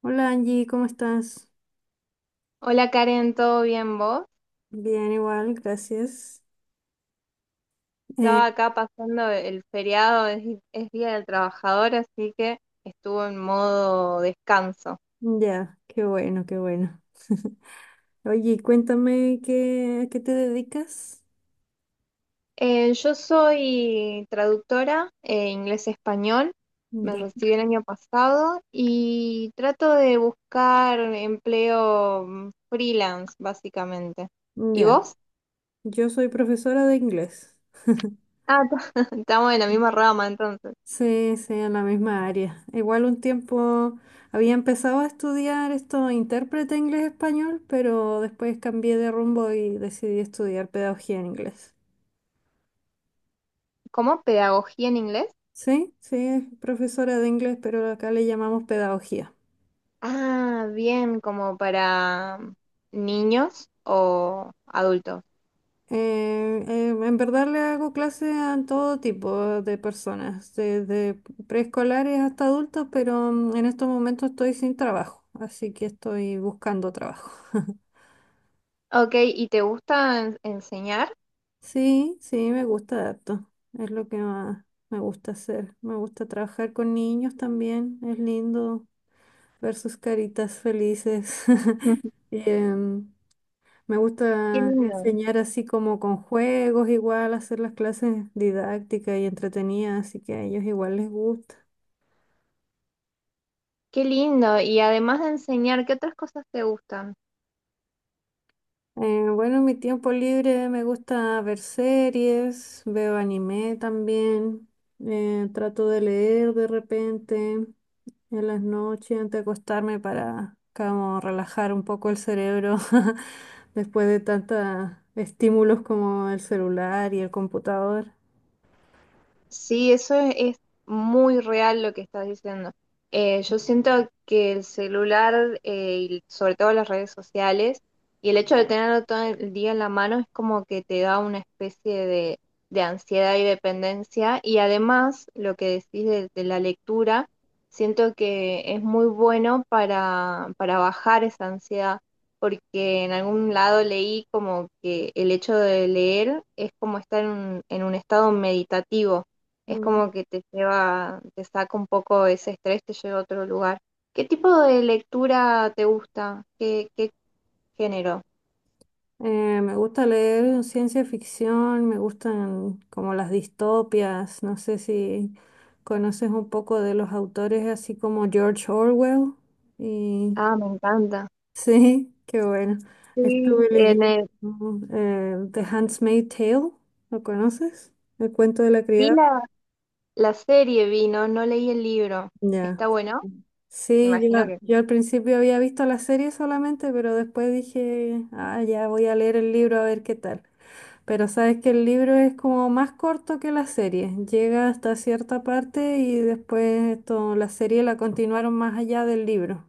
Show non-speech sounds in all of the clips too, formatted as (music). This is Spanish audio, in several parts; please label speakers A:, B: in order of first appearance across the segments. A: Hola Angie, ¿cómo estás?
B: Hola Karen, ¿todo bien vos?
A: Bien, igual, gracias.
B: Estaba
A: Eh,
B: acá pasando el feriado, es Día del Trabajador, así que estuvo en modo descanso.
A: ya, qué bueno, qué bueno. (laughs) Oye, cuéntame a qué te dedicas.
B: Yo soy traductora, inglés-español, me
A: Ya,
B: recibí el año pasado y trato de buscar empleo freelance, básicamente. ¿Y
A: ya.
B: vos?
A: Yo soy profesora de inglés.
B: Ah, (laughs) estamos en la misma rama entonces.
A: Sí, sí, en la misma área. Igual un tiempo había empezado a estudiar esto, intérprete inglés-español, pero después cambié de rumbo y decidí estudiar pedagogía en inglés.
B: ¿Cómo? ¿Pedagogía en inglés?
A: Sí, sí, es profesora de inglés, pero acá le llamamos pedagogía.
B: Ah, bien, como para niños o adultos.
A: En verdad le hago clases a todo tipo de personas, desde preescolares hasta adultos, pero en estos momentos estoy sin trabajo, así que estoy buscando trabajo. (laughs)
B: Ok, ¿y te gusta enseñar?
A: Sí, sí, me gusta harto, es lo que más me gusta hacer. Me gusta trabajar con niños también, es lindo ver sus caritas felices. (laughs)
B: (laughs)
A: Y, Em, Me
B: Qué
A: gusta
B: lindo.
A: enseñar así como con juegos, igual hacer las clases didácticas y entretenidas, así que a ellos igual les gusta.
B: Qué lindo. Y además de enseñar, ¿qué otras cosas te gustan?
A: Bueno, en mi tiempo libre me gusta ver series, veo anime también, trato de leer de repente en las noches antes de acostarme para como relajar un poco el cerebro (laughs) después de tantos estímulos como el celular y el computador.
B: Sí, es muy real lo que estás diciendo. Yo siento que el celular y sobre todo las redes sociales y el hecho de tenerlo todo el día en la mano es como que te da una especie de ansiedad y dependencia. Y además, lo que decís de la lectura, siento que es muy bueno para bajar esa ansiedad, porque en algún lado leí como que el hecho de leer es como estar en un estado meditativo es
A: Mm.
B: como que te lleva, te saca un poco ese estrés, te lleva a otro lugar. ¿Qué tipo de lectura te gusta? ¿Qué género?
A: Me gusta leer ciencia ficción, me gustan como las distopias, no sé si conoces un poco de los autores así como George Orwell. Y
B: Ah, me encanta.
A: (laughs) sí, qué bueno.
B: Sí,
A: Estuve leyendo The Handmaid's Tale, ¿lo conoces? El cuento de la
B: vi
A: criada.
B: la serie, vi, no, no leí el libro.
A: Ya.
B: ¿Está bueno?
A: Sí, yo,
B: Imagino que.
A: yo al principio había visto la serie solamente, pero después dije, ah, ya voy a leer el libro a ver qué tal. Pero sabes que el libro es como más corto que la serie, llega hasta cierta parte y después esto, la serie la continuaron más allá del libro.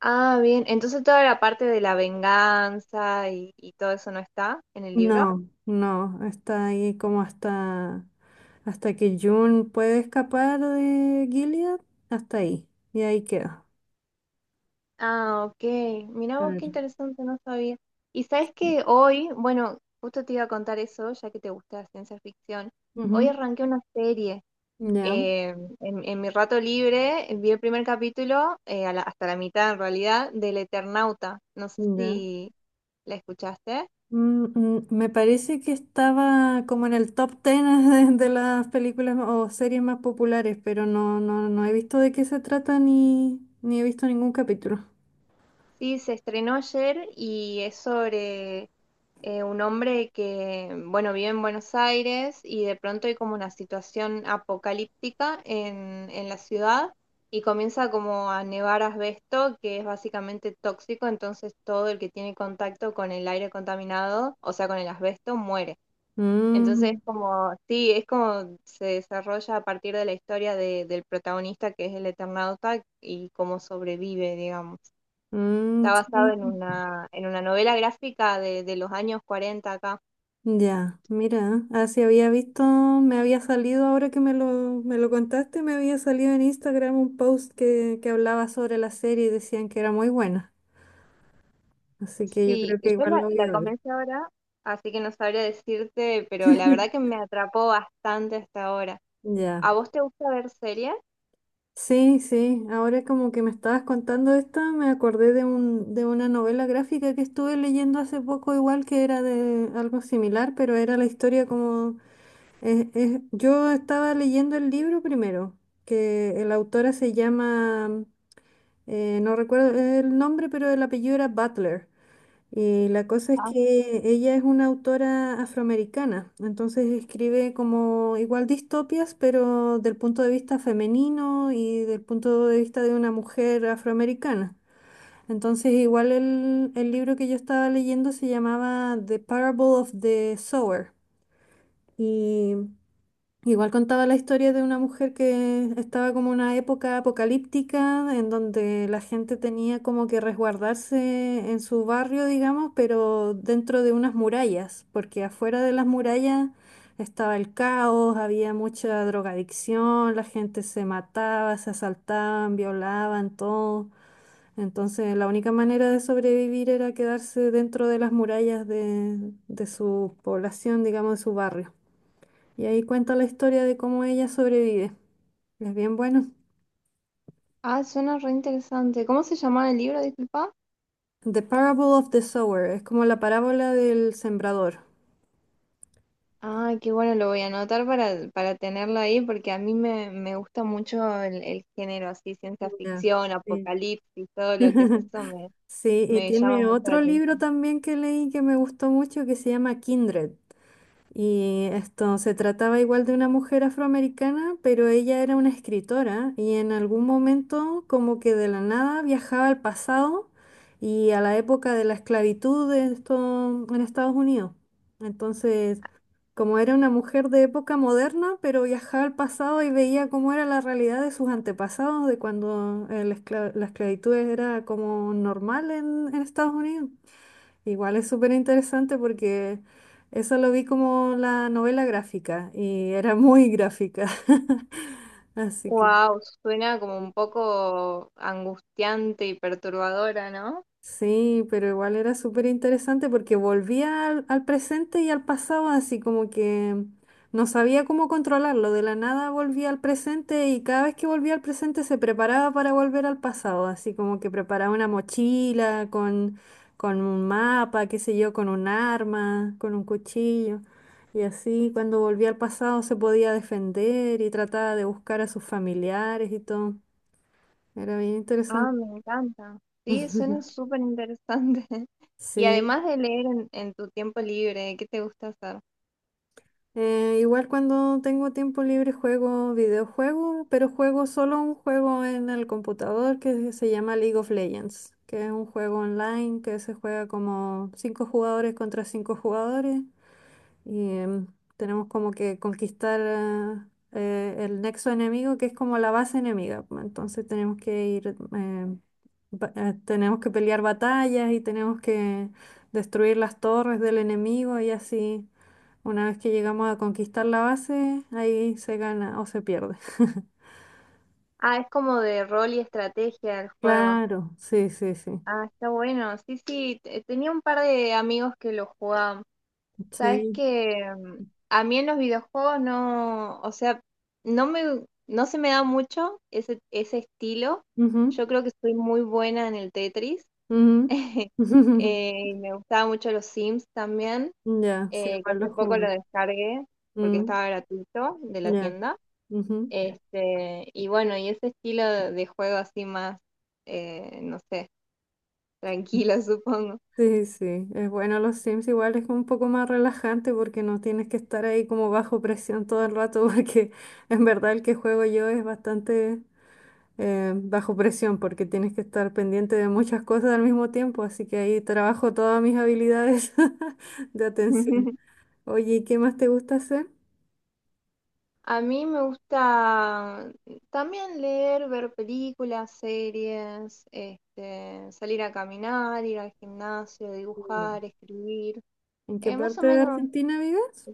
B: Ah, bien. Entonces toda la parte de la venganza y todo eso no está en el libro.
A: No, no, está ahí como hasta, hasta que June puede escapar de Gilead, hasta ahí, y ahí queda.
B: Ah, ok. Mira vos
A: Claro.
B: qué interesante, no sabía. Y sabes que hoy, bueno, justo te iba a contar eso, ya que te gusta la ciencia ficción. Hoy
A: Ujú,
B: arranqué una serie.
A: ya,
B: eh, en mi rato libre vi el primer capítulo, hasta la mitad en realidad, del Eternauta. No sé
A: ya.
B: si la escuchaste.
A: Mm, mm, me parece que estaba como en el top 10 (laughs) de las películas o series más populares, pero no, no, no he visto de qué se trata ni he visto ningún capítulo.
B: Sí, se estrenó ayer y es sobre un hombre que, bueno, vive en Buenos Aires y de pronto hay como una situación apocalíptica en la ciudad y comienza como a nevar asbesto, que es básicamente tóxico, entonces todo el que tiene contacto con el aire contaminado, o sea, con el asbesto, muere. Entonces
A: Mm,
B: es como, sí, es como se desarrolla a partir de la historia del protagonista que es el Eternauta y cómo sobrevive, digamos.
A: mm,
B: Está basado
A: sí.
B: en una novela gráfica de los años 40 acá.
A: Ya, mira, así había visto, me había salido, ahora que me lo contaste, me había salido en Instagram un post que hablaba sobre la serie y decían que era muy buena. Así que yo
B: Sí,
A: creo
B: y
A: que
B: yo
A: igual lo voy a
B: la
A: ver.
B: comencé ahora, así que no sabría decirte, pero la verdad que me atrapó bastante hasta ahora. ¿A
A: Ya.
B: vos te gusta ver series?
A: Sí, sí, ahora como que me estabas contando esto, me acordé de de una novela gráfica que estuve leyendo hace poco, igual que era de algo similar, pero era la historia como... yo estaba leyendo el libro primero, que la autora se llama, no recuerdo el nombre, pero el apellido era Butler. La cosa es
B: Ah,
A: que ella es una autora afroamericana, entonces escribe como igual distopias, pero del punto de vista femenino y del punto de vista de una mujer afroamericana. Entonces igual el libro que yo estaba leyendo se llamaba The Parable of the Sower. Igual contaba la historia de una mujer que estaba como en una época apocalíptica en donde la gente tenía como que resguardarse en su barrio, digamos, pero dentro de unas murallas, porque afuera de las murallas estaba el caos, había mucha drogadicción, la gente se mataba, se asaltaban, violaban, todo. Entonces la única manera de sobrevivir era quedarse dentro de las murallas de su población, digamos, de su barrio. Y ahí cuenta la historia de cómo ella sobrevive. Es bien bueno.
B: ah, suena re interesante. ¿Cómo se llamaba el libro, disculpa?
A: The Parable of the Sower, es como la parábola del sembrador.
B: Ah, qué bueno, lo voy a anotar para tenerlo ahí, porque a mí me gusta mucho el género así, ciencia
A: Ya,
B: ficción,
A: sí.
B: apocalipsis, todo lo que es
A: (laughs) Sí, y
B: me llama
A: tiene
B: mucho la
A: otro libro
B: atención.
A: también que leí que me gustó mucho que se llama Kindred. Y esto se trataba igual de una mujer afroamericana, pero ella era una escritora y en algún momento como que de la nada viajaba al pasado y a la época de la esclavitud de esto en Estados Unidos. Entonces, como era una mujer de época moderna, pero viajaba al pasado y veía cómo era la realidad de sus antepasados, de cuando la esclavitud era como normal en Estados Unidos. Igual es súper interesante porque eso lo vi como la novela gráfica y era muy gráfica. (laughs) Así que
B: Wow, suena como un poco angustiante y perturbadora, ¿no?
A: sí, pero igual era súper interesante porque volvía al presente y al pasado, así como que no sabía cómo controlarlo. De la nada volvía al presente y cada vez que volvía al presente se preparaba para volver al pasado, así como que preparaba una mochila con un mapa, qué sé yo, con un arma, con un cuchillo. Y así cuando volvía al pasado se podía defender y trataba de buscar a sus familiares y todo. Era bien
B: Ah,
A: interesante.
B: me encanta. Sí,
A: (laughs)
B: suena súper interesante. (laughs) Y
A: Sí.
B: además de leer en tu tiempo libre, ¿qué te gusta hacer?
A: Igual cuando tengo tiempo libre juego videojuegos, pero juego solo un juego en el computador que se llama League of Legends, que es un juego online que se juega como cinco jugadores contra cinco jugadores y tenemos como que conquistar el nexo enemigo que es como la base enemiga. Pues, entonces tenemos que ir, eh, tenemos que pelear batallas y tenemos que destruir las torres del enemigo y así. Una vez que llegamos a conquistar la base, ahí se gana o se pierde. (laughs)
B: Ah, es como de rol y estrategia el juego.
A: Claro, sí, sí, sí.
B: Ah, está bueno. Sí, sí, tenía un par de amigos que lo jugaban. Sabes
A: Sí.
B: que a mí en los videojuegos no, o sea, no me, no se me da mucho ese estilo.
A: Ujú,
B: Yo creo que soy muy buena en el Tetris.
A: ujú.
B: (laughs)
A: (laughs)
B: Y me gustaba mucho los Sims también,
A: Ya, sí,
B: que
A: igual
B: hace
A: los
B: poco
A: jugué.
B: lo descargué porque
A: Mm,
B: estaba gratuito de la
A: ya.
B: tienda.
A: Ujú.
B: Este, y bueno, y ese estilo de juego así más, no sé, tranquilo, (laughs) supongo.
A: Sí, sí. Es bueno los Sims, igual es un poco más relajante porque no tienes que estar ahí como bajo presión todo el rato, (laughs) porque en verdad el que juego yo es bastante bajo presión porque tienes que estar pendiente de muchas cosas al mismo tiempo, así que ahí trabajo todas mis habilidades (laughs) de atención.
B: (laughs)
A: Oye, ¿y qué más te gusta hacer?
B: A mí me gusta también leer, ver películas, series, este, salir a caminar, ir al gimnasio,
A: Mm.
B: dibujar, escribir.
A: ¿En qué
B: Más o
A: parte de
B: menos,
A: Argentina vives?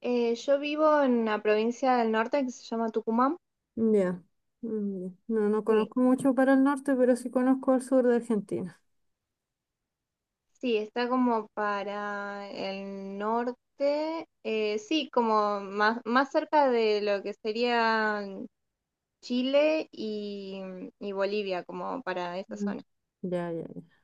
B: yo vivo en una provincia del norte que se llama Tucumán.
A: Ya, mm, ya. No, no
B: Sí,
A: conozco mucho para el norte, pero sí conozco el sur de Argentina.
B: sí, está como para el norte, sí, como más, más cerca de lo que sería Chile y Bolivia, como para esa
A: Mm.
B: zona.
A: Ya, ya, ya.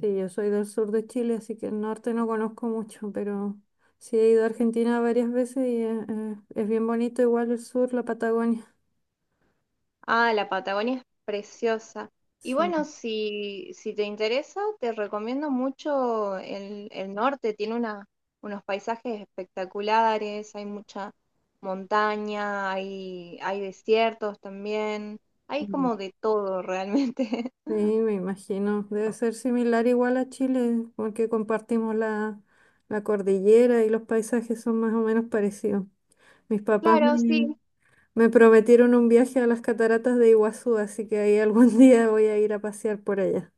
A: Sí, yo soy del sur de Chile, así que el norte no conozco mucho, pero sí he ido a Argentina varias veces y es bien bonito igual el sur, la Patagonia.
B: Ah, la Patagonia es preciosa. Y bueno,
A: Sí.
B: si te interesa, te recomiendo mucho el norte. Tiene una, unos paisajes espectaculares, hay mucha montaña, hay desiertos también. Hay como de todo realmente. (laughs)
A: Sí, me imagino. Debe ser similar igual a Chile, porque compartimos la cordillera y los paisajes son más o menos parecidos. Mis papás
B: Claro,
A: me,
B: sí.
A: me prometieron un viaje a las cataratas de Iguazú, así que ahí algún (laughs) día voy a ir a pasear por allá.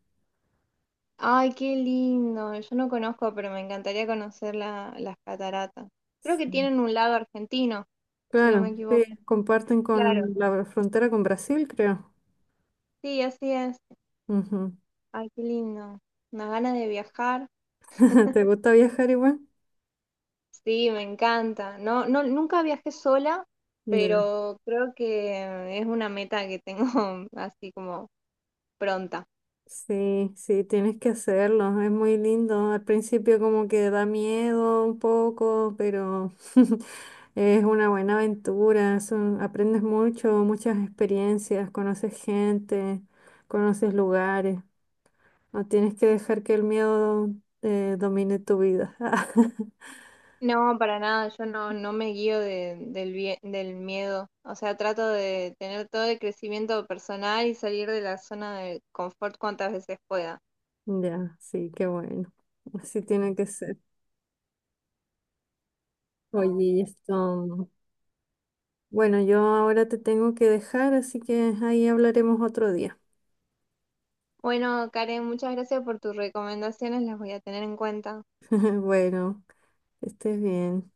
B: Ay, qué lindo. Yo no conozco, pero me encantaría conocer las cataratas. Creo que
A: Sí.
B: tienen un lado argentino, si no me
A: Claro,
B: equivoco.
A: sí, comparten
B: Claro,
A: con la frontera con Brasil, creo.
B: sí, así es.
A: Ujú.
B: Ay, qué lindo. Una gana de viajar.
A: (laughs) ¿Te gusta viajar igual?
B: Sí, me encanta. No, no, nunca viajé sola,
A: Ya.
B: pero creo que es una meta que tengo (laughs) así como pronta.
A: Sí, sí, tienes que hacerlo, es muy lindo. Al principio como que da miedo un poco, pero (laughs) es una buena aventura, son- aprendes mucho, muchas experiencias, conoces gente, conoces lugares. No tienes que dejar que el miedo domine tu vida. (laughs)
B: No, para nada, yo no, no me guío del miedo. O sea, trato de tener todo el crecimiento personal y salir de la zona de confort cuantas veces pueda.
A: Ya, sí, qué bueno. Así tiene que ser. Oye, esto. Bueno, yo ahora te tengo que dejar, así que ahí hablaremos otro día.
B: Bueno, Karen, muchas gracias por tus recomendaciones, las voy a tener en cuenta.
A: (laughs) Bueno. Que estés bien.